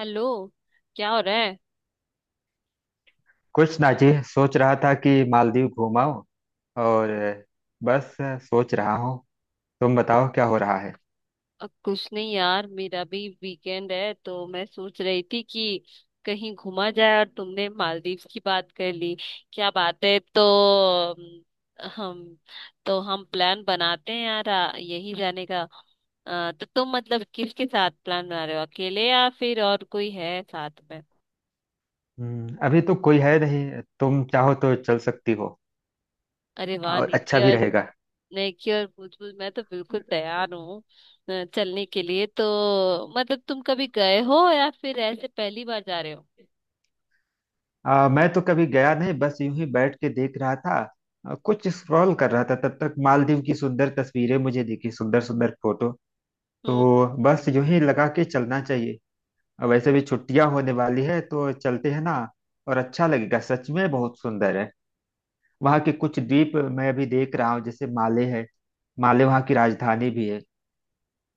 Hello. क्या हो रहा है? कुछ ना जी, सोच रहा था कि मालदीव घूमाऊं और बस सोच रहा हूँ। तुम बताओ क्या हो रहा है? कुछ नहीं यार, मेरा भी वीकेंड है तो मैं सोच रही थी कि कहीं घूमा जाए और तुमने मालदीव्स की बात कर ली। क्या बात है! तो अम, हम तो हम प्लान बनाते हैं यार, यही जाने का। तो तुम मतलब किसके साथ प्लान बना रहे हो, अकेले या फिर और कोई है साथ में? अभी तो कोई है नहीं, तुम चाहो तो चल सकती हो अरे वाह और अच्छा निकी, भी रहेगा। लेके और भूजपुर मैं तो बिल्कुल तैयार हूँ चलने के लिए। तो मतलब तुम कभी गए हो या फिर ऐसे पहली बार जा रहे हो? मैं तो कभी गया नहीं, बस यूं ही बैठ के देख रहा था। कुछ स्क्रॉल कर रहा था, तब तक मालदीव की सुंदर तस्वीरें मुझे दिखी, सुंदर सुंदर फोटो। हम्म। तो बस यूं ही लगा के चलना चाहिए, और वैसे भी छुट्टियां होने वाली है तो चलते हैं ना। और अच्छा लगेगा, सच में बहुत सुंदर है। वहाँ के कुछ द्वीप मैं अभी देख रहा हूँ, जैसे माले है। माले वहाँ की राजधानी भी है।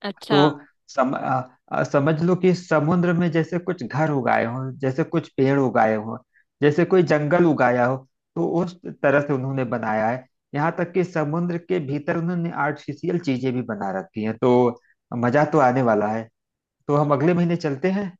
अच्छा। तो समझ लो कि समुद्र में जैसे कुछ घर उगाए हों, जैसे कुछ पेड़ उगाए हों, जैसे कोई जंगल उगाया हो। तो उस तरह से उन्होंने बनाया है। यहाँ तक कि समुद्र के भीतर उन्होंने आर्टिफिशियल चीजें भी बना रखी हैं, तो मजा तो आने वाला है। तो हम अगले महीने चलते हैं।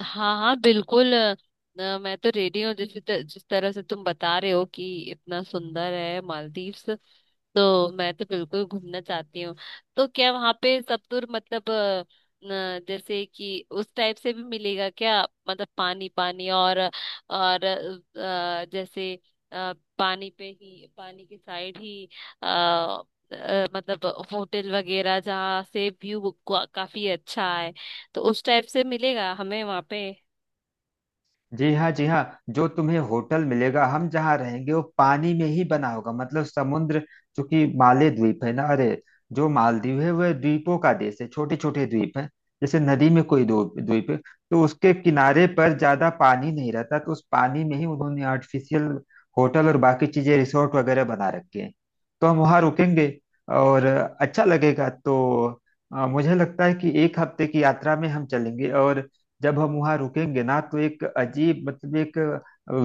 हाँ हाँ बिल्कुल। मैं तो रेडी हूँ, जिस तरह से तुम बता रहे हो कि इतना सुंदर है मालदीव्स, तो मैं तो बिल्कुल घूमना चाहती हूँ। तो क्या वहां पे सतुर मतलब अ, न, जैसे कि उस टाइप से भी मिलेगा क्या? मतलब पानी पानी और जैसे पानी पे ही, पानी के साइड ही, अ, मतलब होटल वगैरह जहाँ से व्यू काफी अच्छा है, तो उस टाइप से मिलेगा हमें वहां पे? जी हाँ, जी हाँ। जो तुम्हें होटल मिलेगा, हम जहाँ रहेंगे, वो पानी में ही बना होगा, मतलब समुद्र। चूंकि माले द्वीप है ना। अरे, जो मालदीव है वह द्वीपों का देश है, छोटे छोटे द्वीप है। जैसे नदी में कोई दो द्वीप है, तो उसके किनारे पर ज्यादा पानी नहीं रहता, तो उस पानी में ही उन्होंने आर्टिफिशियल होटल और बाकी चीजें, रिसोर्ट वगैरह बना रखे हैं। तो हम वहाँ रुकेंगे और अच्छा लगेगा। तो मुझे लगता है कि एक हफ्ते की यात्रा में हम चलेंगे, और जब हम वहां रुकेंगे ना, तो एक अजीब, मतलब एक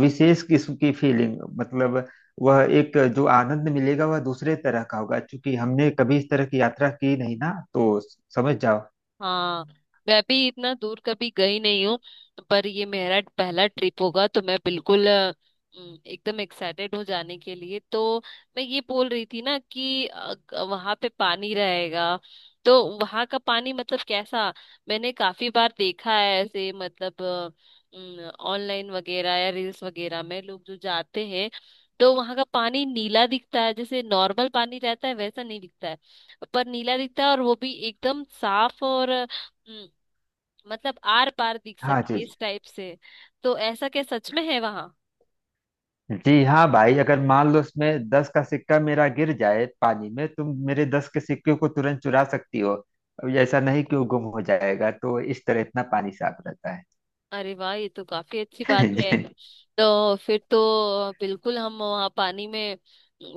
विशेष किस्म की फीलिंग, मतलब वह एक जो आनंद मिलेगा वह दूसरे तरह का होगा, क्योंकि हमने कभी इस तरह की यात्रा की नहीं ना, तो समझ जाओ। हाँ। मैं भी इतना दूर कभी गई नहीं हूँ, पर ये मेरा पहला ट्रिप होगा, तो मैं बिल्कुल एकदम एक्साइटेड हूँ जाने के लिए। तो मैं ये बोल रही थी ना कि वहां पे पानी रहेगा, तो वहां का पानी मतलब कैसा? मैंने काफी बार देखा है ऐसे, मतलब ऑनलाइन वगैरह या रील्स वगैरह में लोग जो जाते हैं, तो वहां का पानी नीला दिखता है, जैसे नॉर्मल पानी रहता है वैसा नहीं दिखता है, पर नीला दिखता है और वो भी एकदम साफ, और हम्म, मतलब आर पार दिख हाँ जी सके जी। इस टाइप से। तो ऐसा क्या सच में है वहां? जी हाँ भाई, अगर मान लो उसमें 10 का सिक्का मेरा गिर जाए पानी में, तुम मेरे 10 के सिक्के को तुरंत चुरा सकती हो, अब ऐसा नहीं कि वो गुम हो जाएगा, तो इस तरह इतना पानी साफ रहता है। अरे वाह, ये तो काफी अच्छी बात है। जी। तो फिर तो बिल्कुल हम वहाँ पानी में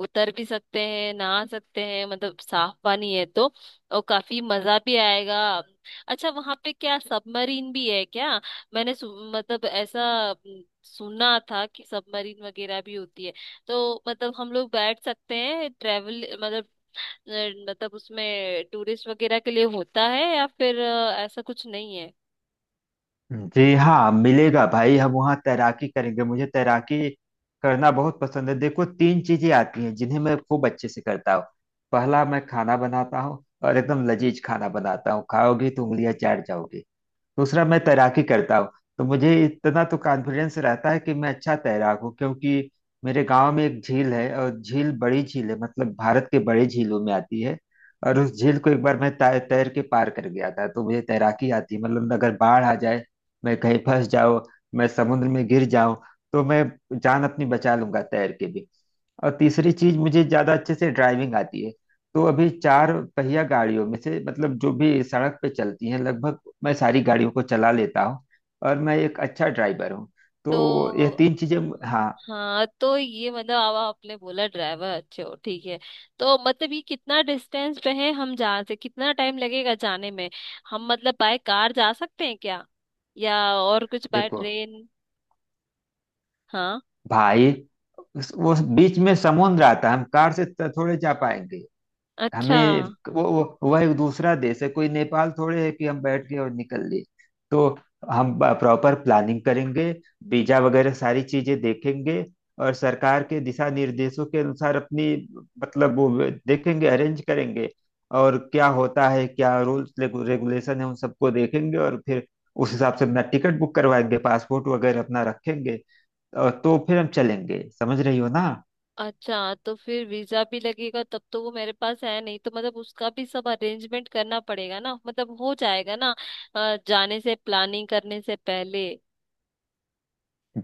उतर भी सकते हैं, नहा सकते हैं, मतलब साफ पानी है तो और काफी मजा भी आएगा। अच्छा वहाँ पे क्या सबमरीन भी है क्या? मतलब ऐसा सुना था कि सबमरीन वगैरह भी होती है, तो मतलब हम लोग बैठ सकते हैं ट्रेवल मतलब अ, मतलब उसमें टूरिस्ट वगैरह के लिए होता है, या फिर ऐसा कुछ नहीं है? जी हाँ, मिलेगा भाई, हम वहाँ तैराकी करेंगे, मुझे तैराकी करना बहुत पसंद है। देखो, तीन चीजें आती हैं जिन्हें मैं खूब अच्छे से करता हूँ। पहला, मैं खाना बनाता हूँ और एकदम लजीज खाना बनाता हूँ, खाओगी तो उंगलियां चाट जाओगी। दूसरा, मैं तैराकी करता हूँ, तो मुझे इतना तो कॉन्फिडेंस रहता है कि मैं अच्छा तैराक हूँ, क्योंकि मेरे गांव में एक झील है, और झील बड़ी झील है, मतलब भारत के बड़े झीलों में आती है, और उस झील को एक बार मैं तैर के पार कर गया था, तो मुझे तैराकी आती है। मतलब, अगर बाढ़ आ जाए, मैं कहीं फंस जाऊं, मैं समुद्र में गिर जाऊं, तो मैं जान अपनी बचा लूंगा तैर के भी। और तीसरी चीज, मुझे ज्यादा अच्छे से ड्राइविंग आती है, तो अभी चार पहिया गाड़ियों में से मतलब जो भी सड़क पे चलती हैं, लगभग मैं सारी गाड़ियों को चला लेता हूँ, और मैं एक अच्छा ड्राइवर हूँ। तो यह तो तीन चीजें। हाँ। हाँ, तो ये मतलब अब आपने बोला ड्राइवर अच्छे हो, ठीक है। तो मतलब ये कितना डिस्टेंस पे है, हम जहाँ से कितना टाइम लगेगा जाने में? हम मतलब बाय कार जा सकते हैं क्या, या और कुछ बाय देखो ट्रेन? हाँ। भाई, वो बीच में समुद्र आता है, हम कार से थोड़े जा पाएंगे। अच्छा। हमें, वह एक दूसरा देश है, कोई नेपाल थोड़े है कि हम बैठ गए और निकल लिए। तो हम प्रॉपर प्लानिंग करेंगे, वीजा वगैरह सारी चीजें देखेंगे, और सरकार के दिशा निर्देशों के अनुसार अपनी, मतलब वो देखेंगे, अरेंज करेंगे। और क्या होता है, क्या रूल्स रेगुलेशन है, उन सबको देखेंगे, और फिर उस हिसाब से अपना टिकट बुक करवाएंगे, पासपोर्ट वगैरह अपना रखेंगे, और तो फिर हम चलेंगे, समझ रही हो ना? अच्छा तो फिर वीजा भी लगेगा तब, तो वो मेरे पास है नहीं, तो मतलब उसका भी सब अरेंजमेंट करना पड़ेगा ना, मतलब हो जाएगा ना जाने से, प्लानिंग करने से पहले?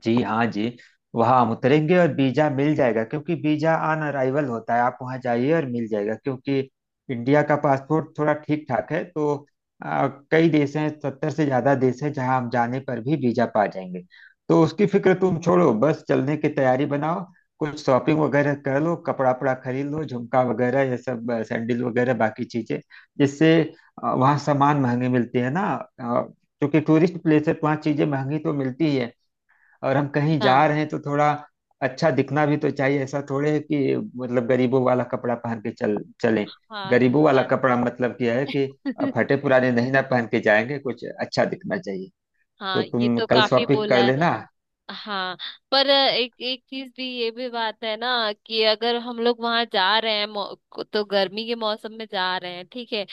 जी हाँ जी। वहाँ हम उतरेंगे और वीजा मिल जाएगा, क्योंकि वीजा ऑन अराइवल होता है, आप वहाँ जाइए और मिल जाएगा, क्योंकि इंडिया का पासपोर्ट थोड़ा ठीक ठाक है। तो कई देश हैं, 70 से ज्यादा देश हैं, जहाँ हम जाने पर भी वीजा पा जाएंगे। तो उसकी फिक्र तुम छोड़ो, बस चलने की तैयारी बनाओ, कुछ शॉपिंग वगैरह कर लो, कपड़ा वपड़ा खरीद लो, झुमका वगैरह ये सब, सैंडल वगैरह बाकी चीजें, जिससे, वहाँ सामान महंगे मिलते हैं ना, क्योंकि टूरिस्ट प्लेस है तो वहाँ चीजें महंगी तो मिलती ही है, और हम कहीं अच्छा। जा रहे हैं तो थोड़ा अच्छा दिखना भी तो चाहिए। ऐसा थोड़े है कि मतलब गरीबों वाला कपड़ा पहन के चल चलें। हाँ गरीबों ये वाला बात। कपड़ा मतलब क्या है कि फटे पुराने नहीं ना पहन के जाएंगे, कुछ अच्छा दिखना चाहिए। तो हाँ ये तुम तो कल काफी शॉपिंग बोला। कर लेना। हाँ, पर एक एक चीज भी, ये भी बात है ना कि अगर हम लोग वहां जा रहे हैं तो गर्मी के मौसम में जा रहे हैं, ठीक है।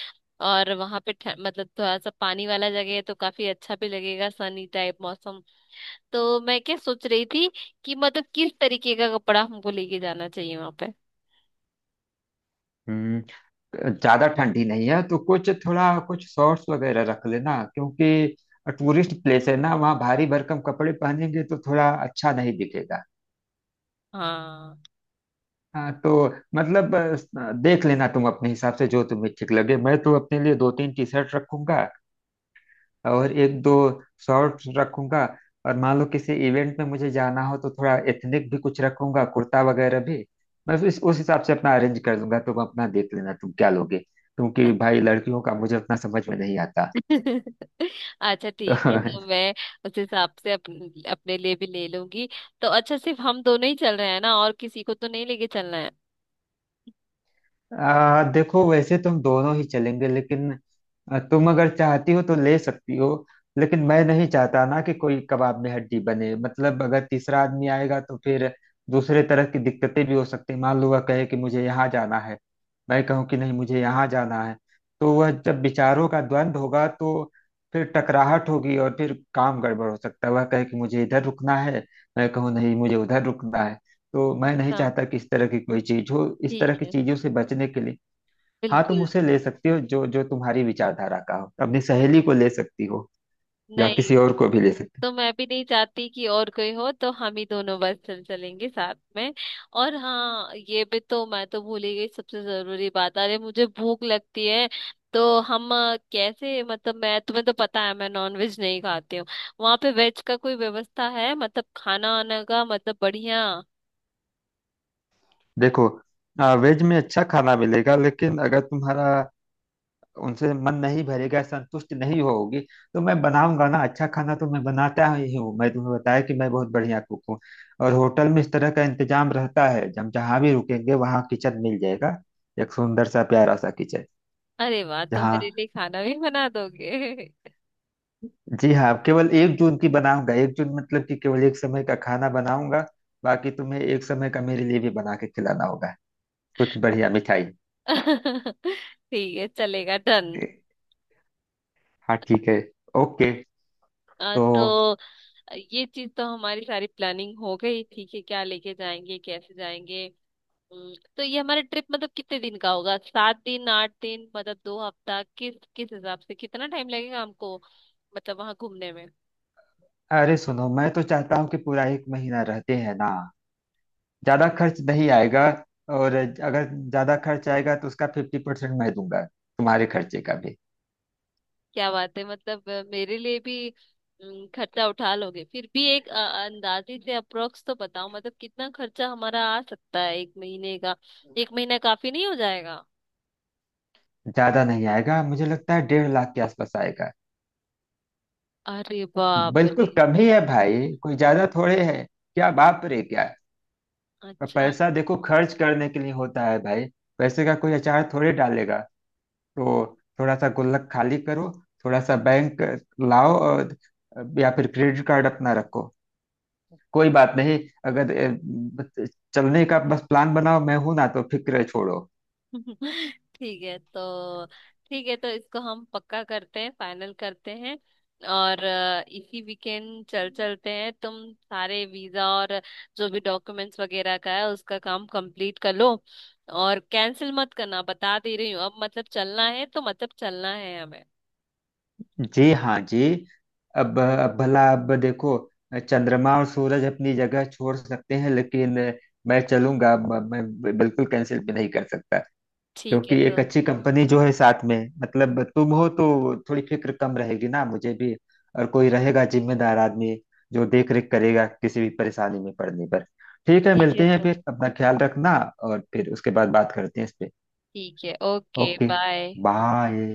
और वहां पे मतलब थोड़ा सा पानी वाला जगह है तो काफी अच्छा भी लगेगा, सनी टाइप मौसम। तो मैं क्या सोच रही थी कि मतलब किस तरीके का कपड़ा हमको लेके जाना चाहिए वहां पे? हम्म, ज्यादा ठंडी नहीं है, तो कुछ थोड़ा कुछ शॉर्ट्स वगैरह रख लेना, क्योंकि टूरिस्ट प्लेस है ना, वहाँ भारी भरकम कपड़े पहनेंगे तो थोड़ा अच्छा नहीं दिखेगा। हाँ। हाँ तो मतलब देख लेना तुम अपने हिसाब से जो तुम्हें ठीक लगे, मैं तो अपने लिए दो तीन टी शर्ट रखूंगा और एक दो शॉर्ट्स रखूंगा, और मान लो किसी इवेंट में मुझे जाना हो तो थोड़ा एथनिक भी कुछ रखूंगा, कुर्ता वगैरह भी। मैं इस उस हिसाब से अपना अरेंज कर दूंगा, तुम अपना देख लेना तुम क्या लोगे, क्योंकि भाई लड़कियों का मुझे उतना समझ में नहीं आता। अच्छा ठीक है, तो तो मैं उस हिसाब से अपने लिए भी ले लूंगी। तो अच्छा, सिर्फ हम दोनों ही चल रहे हैं ना, और किसी को तो नहीं लेके चलना है? देखो, वैसे तुम दोनों ही चलेंगे, लेकिन तुम अगर चाहती हो तो ले सकती हो, लेकिन मैं नहीं चाहता ना कि कोई कबाब में हड्डी बने। मतलब, अगर तीसरा आदमी आएगा तो फिर दूसरे तरह की दिक्कतें भी हो सकती हैं। मान लो वह कहे कि मुझे यहाँ जाना है, मैं कहूँ कि नहीं मुझे यहाँ जाना है, तो वह जब विचारों का द्वंद्व होगा, तो फिर टकराहट होगी और फिर काम गड़बड़ हो सकता है। वह कहे कि मुझे इधर रुकना है, मैं कहूँ नहीं मुझे उधर रुकना है, तो मैं नहीं अच्छा। चाहता कि इस तरह की कोई चीज हो, इस तरह ठीक की है। चीजों से बचने के लिए। हाँ, तुम बिल्कुल। उसे ले सकती हो जो जो तुम्हारी विचारधारा का हो, अपनी सहेली को ले सकती हो या नहीं। किसी और को भी ले सकती हो। तो मैं भी नहीं चाहती कि और कोई हो, तो हम ही दोनों बस चल चलेंगे साथ में। और हाँ ये भी, तो मैं तो भूल ही गई सबसे जरूरी बात, अरे मुझे भूख लगती है। तो हम कैसे मतलब मैं, तुम्हें तो पता है मैं नॉन वेज नहीं खाती हूँ, वहां पे वेज का कोई व्यवस्था है, मतलब खाना आना का मतलब बढ़िया? देखो, वेज में अच्छा खाना मिलेगा, लेकिन अगर तुम्हारा उनसे मन नहीं भरेगा, संतुष्ट नहीं होगी, तो मैं बनाऊंगा ना, अच्छा खाना तो मैं बनाता ही हूँ। मैं तुम्हें बताया कि मैं बहुत बढ़िया कुक हूँ, और होटल में इस तरह का इंतजाम रहता है, हम जहाँ भी रुकेंगे वहाँ किचन मिल जाएगा, एक सुंदर सा प्यारा सा किचन। अरे वाह, तुम मेरे जहाँ, लिए खाना भी बना दोगे! जी हाँ, केवल एक जून की बनाऊंगा, एक जून मतलब कि केवल एक समय का खाना बनाऊंगा, बाकी तुम्हें एक समय का मेरे लिए भी बना के खिलाना होगा, कुछ बढ़िया मिठाई। ठीक है, चलेगा, डन। ए, हाँ ठीक है, ओके। अ, तो, तो ये चीज तो हमारी सारी प्लानिंग हो गई, ठीक है, क्या लेके जाएंगे, कैसे जाएंगे। तो ये हमारा ट्रिप मतलब कितने दिन का होगा, सात दिन, आठ दिन, मतलब दो हफ्ता, किस किस हिसाब से कितना टाइम लगेगा हमको, मतलब वहां घूमने में? अरे सुनो, मैं तो चाहता हूँ कि पूरा एक महीना रहते हैं ना, ज्यादा खर्च नहीं आएगा। और अगर ज्यादा खर्च आएगा तो उसका 50% मैं दूंगा, तुम्हारे खर्चे का भी। क्या बात है, मतलब मेरे लिए भी, खर्चा उठा लोगे? फिर भी एक अंदाजे से अप्रोक्स तो बताओ, मतलब कितना खर्चा हमारा आ सकता है एक महीने का? एक महीना काफी नहीं हो जाएगा? ज्यादा नहीं आएगा, मुझे लगता है 1.5 लाख के आसपास आएगा, अरे बाप बिल्कुल रे! कम ही है भाई, कोई ज्यादा थोड़े है। क्या बाप रे क्या? पर अच्छा। पैसा देखो खर्च करने के लिए होता है भाई, पैसे का कोई अचार थोड़ी डालेगा। तो थोड़ा सा गुल्लक खाली करो, थोड़ा सा बैंक लाओ, और या फिर क्रेडिट कार्ड अपना रखो, कोई बात नहीं। अगर, बस, चलने का बस प्लान बनाओ, मैं हूं ना, तो फिक्र छोड़ो। ठीक है तो, ठीक है, तो इसको हम पक्का करते हैं, फाइनल करते हैं। और इसी वीकेंड चल चलते हैं, तुम सारे वीजा और जो भी डॉक्यूमेंट्स वगैरह का है उसका काम कंप्लीट कर लो। और कैंसिल मत करना, बता दे रही हूँ अब, मतलब चलना है तो मतलब चलना है हमें। जी हाँ जी। अब भला अब देखो, चंद्रमा और सूरज अपनी जगह छोड़ सकते हैं, लेकिन मैं चलूंगा, मैं बिल्कुल कैंसिल भी नहीं कर सकता, ठीक है क्योंकि एक तो। अच्छी कंपनी जो है साथ में, मतलब तुम हो, तो थोड़ी फिक्र कम रहेगी ना मुझे भी, और कोई रहेगा जिम्मेदार आदमी जो देख रेख करेगा किसी भी परेशानी में पड़ने पर। ठीक है, ठीक है मिलते हैं तो। फिर, अपना ख्याल रखना, और फिर उसके बाद बात करते हैं इस पे। ठीक है, ओके, ओके, बाय। बाय।